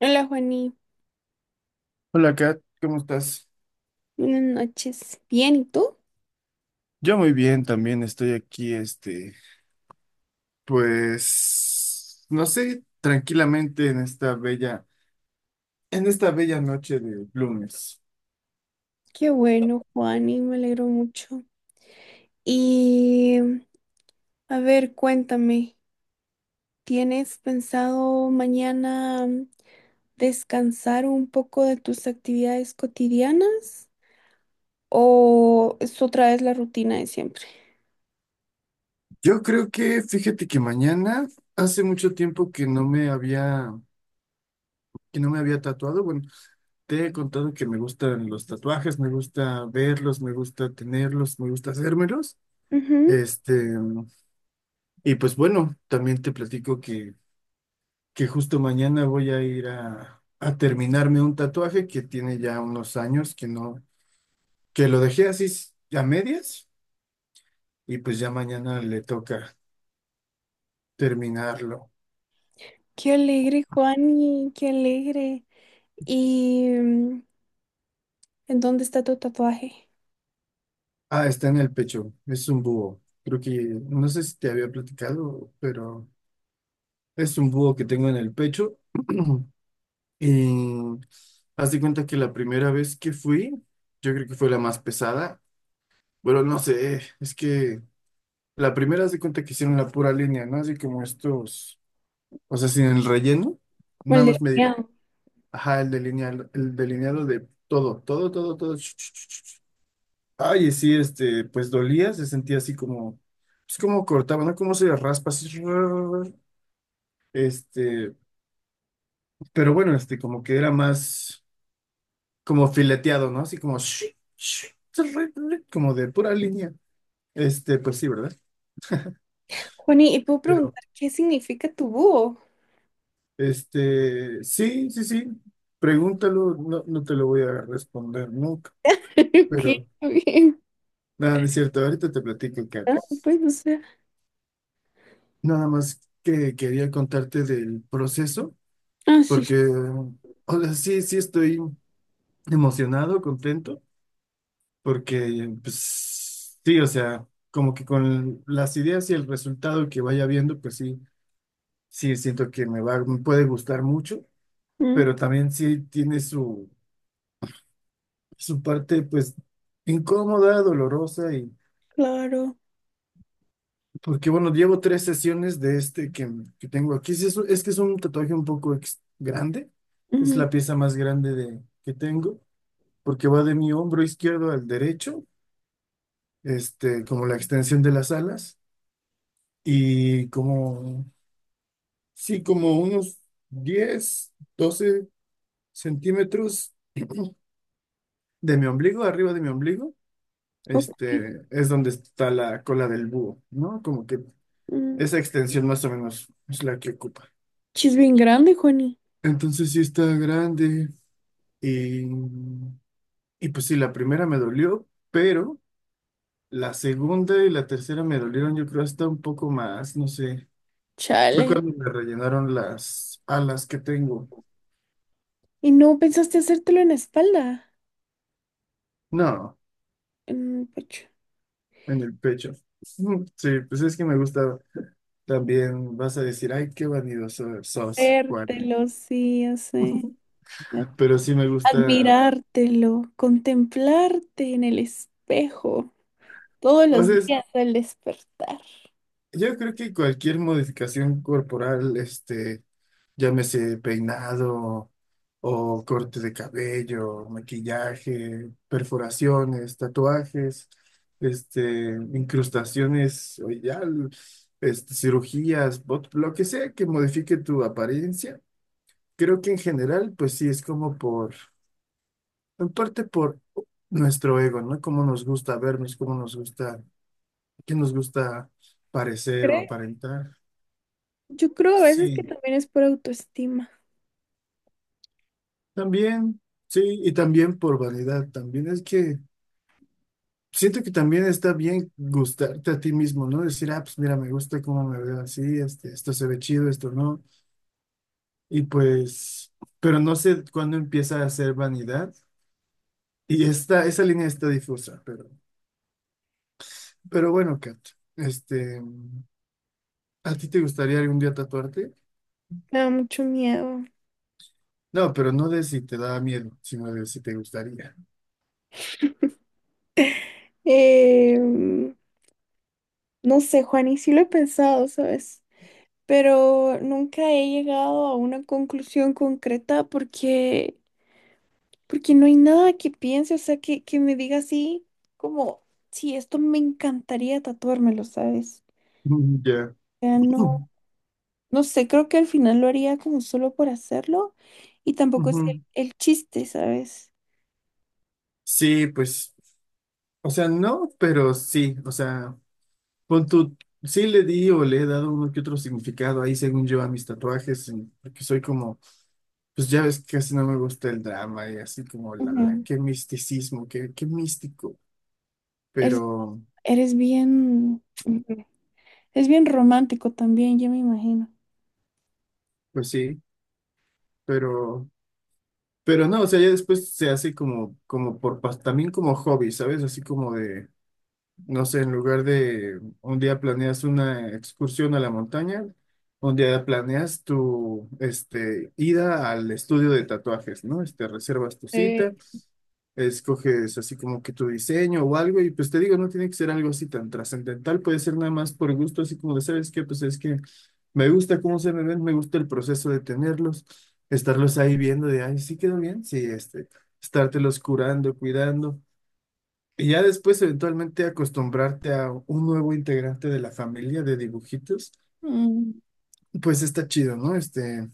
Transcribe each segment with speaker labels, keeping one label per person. Speaker 1: Hola, Juani.
Speaker 2: Hola, Kat, ¿cómo estás?
Speaker 1: Buenas noches. Bien, ¿y tú?
Speaker 2: Yo muy bien, también estoy aquí, pues, no sé, tranquilamente en esta bella noche de lunes.
Speaker 1: Qué bueno, Juani, me alegro mucho. Y a ver, cuéntame, ¿tienes pensado mañana descansar un poco de tus actividades cotidianas o es otra vez la rutina de siempre?
Speaker 2: Yo creo que, fíjate que mañana, hace mucho tiempo que no me había tatuado. Bueno, te he contado que me gustan los tatuajes, me gusta verlos, me gusta tenerlos, me gusta hacérmelos.
Speaker 1: Ujú.
Speaker 2: Este, y pues bueno, también te platico que justo mañana voy a ir a terminarme un tatuaje que tiene ya unos años que no, que lo dejé así a medias y pues ya mañana le toca terminarlo.
Speaker 1: Qué alegre, Juani, qué alegre. ¿Y en dónde está tu tatuaje?
Speaker 2: Ah, está en el pecho, es un búho. Creo que, no sé si te había platicado, pero es un búho que tengo en el pecho. Y haz de cuenta que la primera vez que fui, yo creo que fue la más pesada. Bueno, no sé, es que la primera haz de cuenta que hicieron la pura línea, ¿no? Así como estos. O sea, sin el relleno,
Speaker 1: Como
Speaker 2: nada
Speaker 1: el
Speaker 2: más
Speaker 1: de
Speaker 2: me digo, ajá, el delineado de todo, todo, todo, todo. Ch, ch, ch, ch. Ay, y sí, pues dolía, se sentía así como, es como cortaba, ¿no? Como se raspa así. Este, pero bueno, como que era más, como fileteado, ¿no? Así como, como de pura línea. Pues sí, ¿verdad?
Speaker 1: Juani, ¿y puedo
Speaker 2: Pero,
Speaker 1: preguntar qué significa tu búho?
Speaker 2: sí, sí, sí, pregúntalo, no, no te lo voy a responder nunca,
Speaker 1: Ok,
Speaker 2: pero.
Speaker 1: ok.
Speaker 2: No, no es cierto, ahorita te platico, Kat.
Speaker 1: Ah, pues, o sea.
Speaker 2: Nada más que quería contarte del proceso,
Speaker 1: Ah, sí.
Speaker 2: porque, o sea, sí estoy emocionado, contento, porque, pues, sí, o sea, como que con las ideas y el resultado que vaya viendo, pues sí, sí siento que me puede gustar mucho,
Speaker 1: Mm,
Speaker 2: pero también sí tiene su parte, pues, incómoda, dolorosa.
Speaker 1: claro.
Speaker 2: Porque bueno, llevo tres sesiones de este que tengo aquí. Sí, es que es un tatuaje un poco grande. Es
Speaker 1: Ujú,
Speaker 2: la pieza más grande que tengo, porque va de mi hombro izquierdo al derecho, como la extensión de las alas. Y como, sí, como unos 10 12 centímetros de mi ombligo, arriba de mi ombligo,
Speaker 1: ok.
Speaker 2: es donde está la cola del búho, ¿no? Como que
Speaker 1: Mm.
Speaker 2: esa extensión más o menos es la que ocupa.
Speaker 1: Sí, es bien grande, Juani.
Speaker 2: Entonces sí está grande. Y, y pues sí, la primera me dolió, pero la segunda y la tercera me dolieron, yo creo, hasta un poco más, no sé. Fue
Speaker 1: Chale.
Speaker 2: cuando me rellenaron las alas que tengo.
Speaker 1: ¿Y no pensaste hacértelo en la espalda?
Speaker 2: No,
Speaker 1: En el pecho.
Speaker 2: en el pecho. Mm, sí, pues es que me gusta también, vas a decir, ay, qué vanidoso sos, Juan.
Speaker 1: Vértelo, sí, ya sé.
Speaker 2: Pero sí me gusta,
Speaker 1: Admirártelo, contemplarte en el espejo todos
Speaker 2: o
Speaker 1: los
Speaker 2: sea, es
Speaker 1: días al despertar.
Speaker 2: yo creo que cualquier modificación corporal, llámese peinado o corte de cabello, maquillaje, perforaciones, tatuajes, este, incrustaciones, o ya, cirugías, lo que sea que modifique tu apariencia, creo que en general, pues sí, es como en parte por nuestro ego, ¿no? Cómo nos gusta vernos, cómo nos gusta, qué nos gusta parecer o
Speaker 1: ¿Crees?
Speaker 2: aparentar.
Speaker 1: Yo creo a veces que
Speaker 2: Sí,
Speaker 1: también es por autoestima.
Speaker 2: también, sí, y también por vanidad, también es que siento que también está bien gustarte a ti mismo, ¿no? Decir, ah, pues mira, me gusta cómo me veo así, esto se ve chido, esto no, y pues, pero no sé cuándo empieza a ser vanidad, y esa línea está difusa, pero bueno, Kat, este, ¿a ti te gustaría algún día tatuarte?
Speaker 1: Me da mucho miedo.
Speaker 2: No, pero no de si te da miedo, sino de si te gustaría.
Speaker 1: Em, no sé, Juan, y sí lo he pensado, ¿sabes? Pero nunca he llegado a una conclusión concreta porque, porque no hay nada que piense, o sea, que me diga así, como, sí, esto me encantaría tatuármelo, ¿sabes?
Speaker 2: Mm, ya.
Speaker 1: O sea, no, no sé, creo que al final lo haría como solo por hacerlo y tampoco es el,
Speaker 2: Ujú.
Speaker 1: el chiste, ¿sabes?
Speaker 2: Sí, pues, o sea, no, pero sí, o sea, pon tu, sí le di o le he dado uno que otro significado ahí según yo a mis tatuajes, porque soy como, pues ya ves que casi no me gusta el drama y así como
Speaker 1: Ujú.
Speaker 2: qué misticismo, qué místico,
Speaker 1: Eres,
Speaker 2: pero,
Speaker 1: eres bien, ujú. Es bien romántico también, ya me imagino.
Speaker 2: pues sí, pero, pero no, o sea, ya después se hace como también como hobby, ¿sabes? Así como de no sé, en lugar de un día planeas una excursión a la montaña, un día planeas tu ida al estudio de tatuajes, ¿no? Reservas tu
Speaker 1: Sí.
Speaker 2: cita, escoges así como que tu diseño o algo, y pues te digo, no tiene que ser algo así tan trascendental, puede ser nada más por gusto, así como de, ¿sabes qué? Pues es que me gusta cómo se me ven, me gusta el proceso de tenerlos, estarlos ahí viendo de, ay, sí quedó bien, sí, estártelos curando, cuidando. Y ya después, eventualmente, acostumbrarte a un nuevo integrante de la familia de dibujitos,
Speaker 1: Mm.
Speaker 2: pues está chido, ¿no? Este,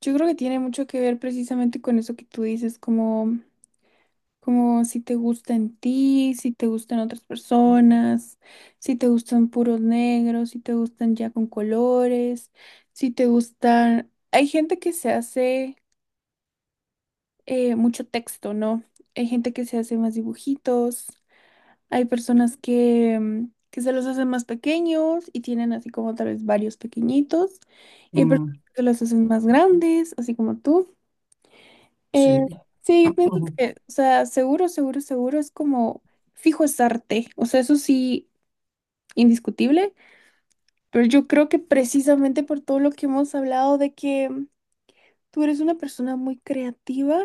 Speaker 1: Yo creo que tiene mucho que ver precisamente con eso que tú dices, como, como si te gusta en ti, si te gustan otras personas, si te gustan puros negros, si te gustan ya con colores, si te gustan... Hay gente que se hace mucho texto, ¿no? Hay gente que se hace más dibujitos, hay personas que, que se los hacen más pequeños y tienen así como tal vez varios pequeñitos, y hay
Speaker 2: mm,
Speaker 1: personas que los hacen más grandes, así como tú. Eh,
Speaker 2: sí.
Speaker 1: sí, yo pienso que, o sea, seguro, seguro, seguro es como fijo es arte, o sea, eso sí, indiscutible, pero yo creo que precisamente por todo lo que hemos hablado de que tú eres una persona muy creativa,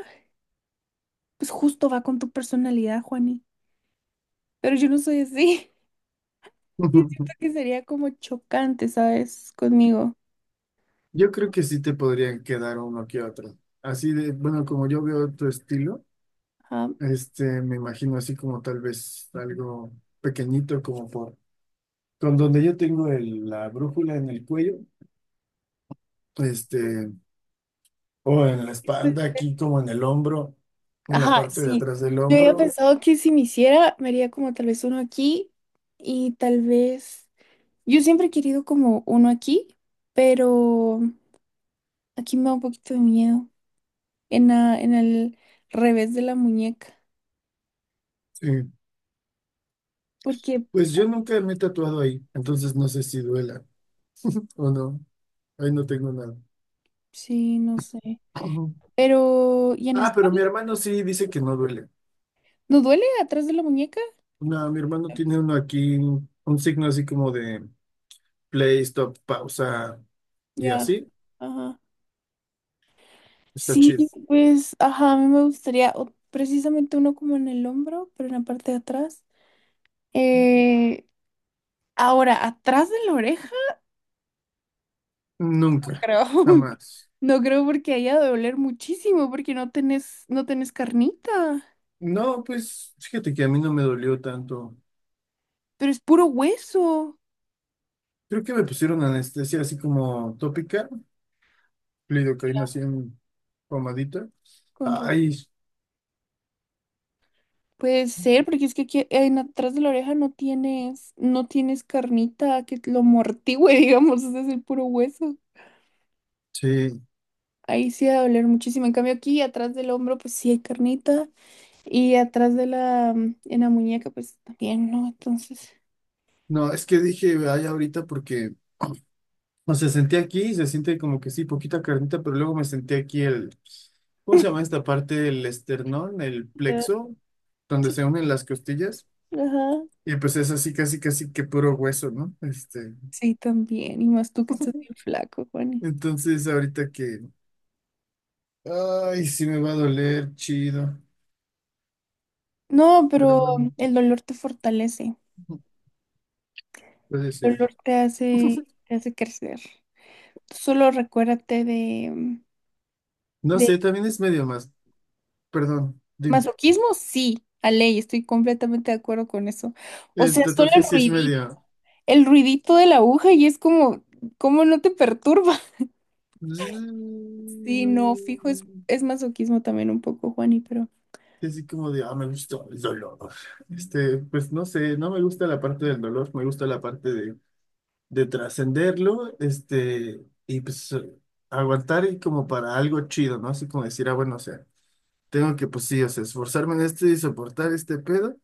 Speaker 1: pues justo va con tu personalidad, Juani, pero yo no soy así, yo siento que sería como chocante, ¿sabes? Conmigo.
Speaker 2: Yo creo que sí te podrían quedar uno que otro. Así de, bueno, como yo veo tu estilo,
Speaker 1: Ajá,
Speaker 2: me imagino así como tal vez algo pequeñito, con donde yo tengo la brújula en el cuello, este, o en la
Speaker 1: pues,
Speaker 2: espalda, aquí como en el hombro, en la
Speaker 1: ajá,
Speaker 2: parte de
Speaker 1: sí.
Speaker 2: atrás del
Speaker 1: Yo había
Speaker 2: hombro.
Speaker 1: pensado que si me hiciera, me haría como tal vez uno aquí y tal vez... Yo siempre he querido como uno aquí, pero aquí me da un poquito de miedo. En, la- en el revés de la muñeca.
Speaker 2: Sí.
Speaker 1: Porque,
Speaker 2: Pues yo nunca me he tatuado ahí, entonces no sé si duela o no. Ahí no tengo nada.
Speaker 1: sí, no sé.
Speaker 2: Ujú.
Speaker 1: Pero, ¿y en la
Speaker 2: Ah, pero mi
Speaker 1: espalda?
Speaker 2: hermano sí dice que no duele.
Speaker 1: ¿No duele atrás de la muñeca?
Speaker 2: No, mi hermano tiene uno aquí, un signo así como de play, stop, pausa y
Speaker 1: Ya.
Speaker 2: así.
Speaker 1: Ajá.
Speaker 2: Está
Speaker 1: Sí,
Speaker 2: chido.
Speaker 1: pues, ajá, a mí me gustaría o- precisamente uno como en el hombro, pero en la parte de atrás. Eh, ahora, atrás de la oreja,
Speaker 2: Nunca,
Speaker 1: creo.
Speaker 2: jamás.
Speaker 1: No creo porque haya de doler muchísimo, porque no tenés, no tenés carnita.
Speaker 2: No, pues fíjate que a mí no me dolió tanto.
Speaker 1: Pero es puro hueso.
Speaker 2: Creo que me pusieron anestesia así como tópica, lidocaína así en pomadita.
Speaker 1: Con ra-
Speaker 2: Ay,
Speaker 1: Puede ser, porque es que aquí en atrás de la oreja no tienes, no tienes carnita que lo amortigüe, digamos, ese es el puro hueso.
Speaker 2: sí.
Speaker 1: Ahí sí va a doler muchísimo. En cambio aquí atrás del hombro, pues sí hay carnita. Y atrás de la, en la muñeca, pues también, ¿no? Entonces,
Speaker 2: No, es que dije, ay, ahorita porque, o sea, senté aquí, se siente como que sí, poquita carnita, pero luego me senté aquí ¿cómo se llama esta parte del esternón, el
Speaker 1: ah,
Speaker 2: plexo, donde
Speaker 1: sí,
Speaker 2: se unen las costillas?
Speaker 1: ajá.
Speaker 2: Y pues es así, casi, casi que puro hueso, ¿no? Este,
Speaker 1: Sí, también. Y más tú que estás bien flaco, Juani.
Speaker 2: entonces ahorita ay, sí me va a doler, chido,
Speaker 1: No,
Speaker 2: pero
Speaker 1: pero
Speaker 2: bueno,
Speaker 1: el dolor te fortalece.
Speaker 2: puede ser.
Speaker 1: El dolor te hace crecer. Solo recuérdate
Speaker 2: No
Speaker 1: de
Speaker 2: sé, también es medio más, perdón, dime,
Speaker 1: masoquismo, sí, a ley, estoy completamente de acuerdo con eso. O
Speaker 2: el
Speaker 1: sea, solo
Speaker 2: tatuaje sí es medio...
Speaker 1: el ruidito de la aguja y es como, ¿cómo no te perturba? Sí, no, fijo, es masoquismo también un poco, Juani, pero
Speaker 2: Sí, así como de, ah, me gusta el dolor. Pues no sé, no me gusta la parte del dolor, me gusta la parte de trascenderlo, y pues aguantar y como para algo chido, ¿no? Así como decir, ah, bueno, o sea, tengo que, pues sí, o sea, esforzarme en esto y soportar este pedo,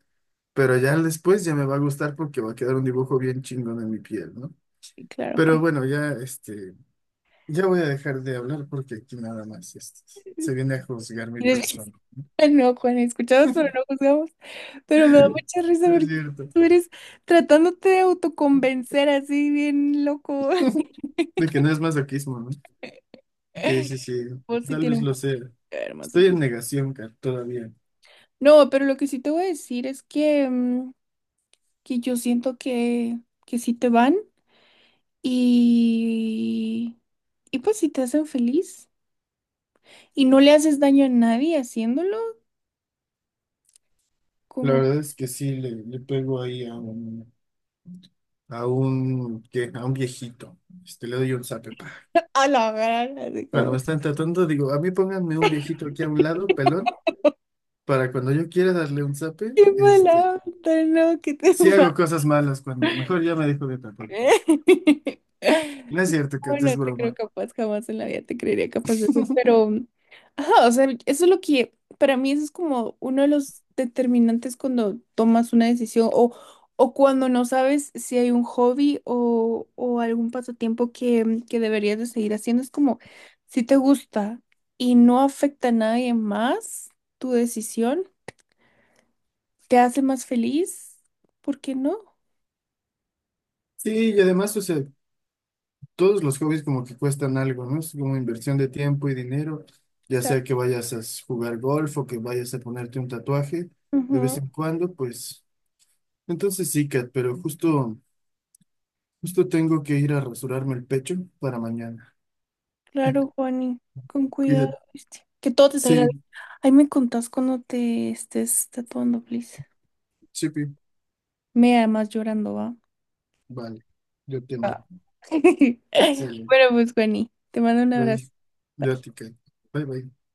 Speaker 2: pero ya después ya me va a gustar porque va a quedar un dibujo bien chingón en mi piel, ¿no?
Speaker 1: sí, claro,
Speaker 2: Pero
Speaker 1: Juan.
Speaker 2: bueno, ya, ya voy a dejar de hablar porque aquí nada más, se viene a juzgar mi
Speaker 1: Tienes-
Speaker 2: persona.
Speaker 1: Ah, no, Juan, escuchamos pero no juzgamos. Pero me da mucha risa
Speaker 2: No es
Speaker 1: porque
Speaker 2: cierto.
Speaker 1: tú eres tratándote de autoconvencer así bien loco.
Speaker 2: De que no es masoquismo, ¿no? Sí, sí, sí.
Speaker 1: Vos sí
Speaker 2: Tal
Speaker 1: tiene
Speaker 2: vez
Speaker 1: un
Speaker 2: lo
Speaker 1: poco
Speaker 2: sea.
Speaker 1: que ver
Speaker 2: Estoy en
Speaker 1: masoquismo.
Speaker 2: negación, Kat, todavía.
Speaker 1: No, pero lo que sí te voy a decir es que, que yo siento que sí te van y, y pues si te hacen feliz y no le haces daño a nadie haciéndolo,
Speaker 2: La
Speaker 1: como
Speaker 2: verdad es que sí, le pego ahí a un, ¿qué? A un viejito. Le doy un zape, pa.
Speaker 1: a la gran, así
Speaker 2: Cuando
Speaker 1: como,
Speaker 2: me están tratando, digo, a mí pónganme un viejito aquí a un lado, pelón, para cuando yo quiera darle un zape,
Speaker 1: qué mala onda, no, que te
Speaker 2: sí hago cosas malas cuando mejor ya me dejo de tapar. No es cierto,
Speaker 1: No,
Speaker 2: Kat, es
Speaker 1: no te creo
Speaker 2: broma.
Speaker 1: capaz, jamás en la vida te creería capaz de eso, pero, ajá, o sea, eso es lo que, para mí eso es como uno de los determinantes cuando tomas una decisión o cuando no sabes si hay un hobby o algún pasatiempo que deberías de seguir haciendo, es como, si te gusta y no afecta a nadie más tu decisión, te hace más feliz, ¿por qué no? O
Speaker 2: Sí, y además, o sea, todos los hobbies como que cuestan algo, ¿no? Es como inversión de tiempo y dinero, ya sea que vayas a jugar golf o que vayas a ponerte un tatuaje de vez
Speaker 1: sea,
Speaker 2: en cuando, pues entonces sí, Kat, pero justo tengo que ir a rasurarme el pecho para mañana.
Speaker 1: claro, Juani, con cuidado,
Speaker 2: Cuídate.
Speaker 1: ¿viste? Que todo te salga
Speaker 2: Sí,
Speaker 1: bien. Ahí me contás cuando te estés tatuando, please.
Speaker 2: sí, pi.
Speaker 1: Me amas llorando, ¿va?
Speaker 2: Vale, yo te marco.
Speaker 1: Ah.
Speaker 2: Sale,
Speaker 1: Bueno, pues, Juani, te mando un
Speaker 2: bye,
Speaker 1: abrazo.
Speaker 2: yo a
Speaker 1: Bye.
Speaker 2: ti, Kat. Bye, bye.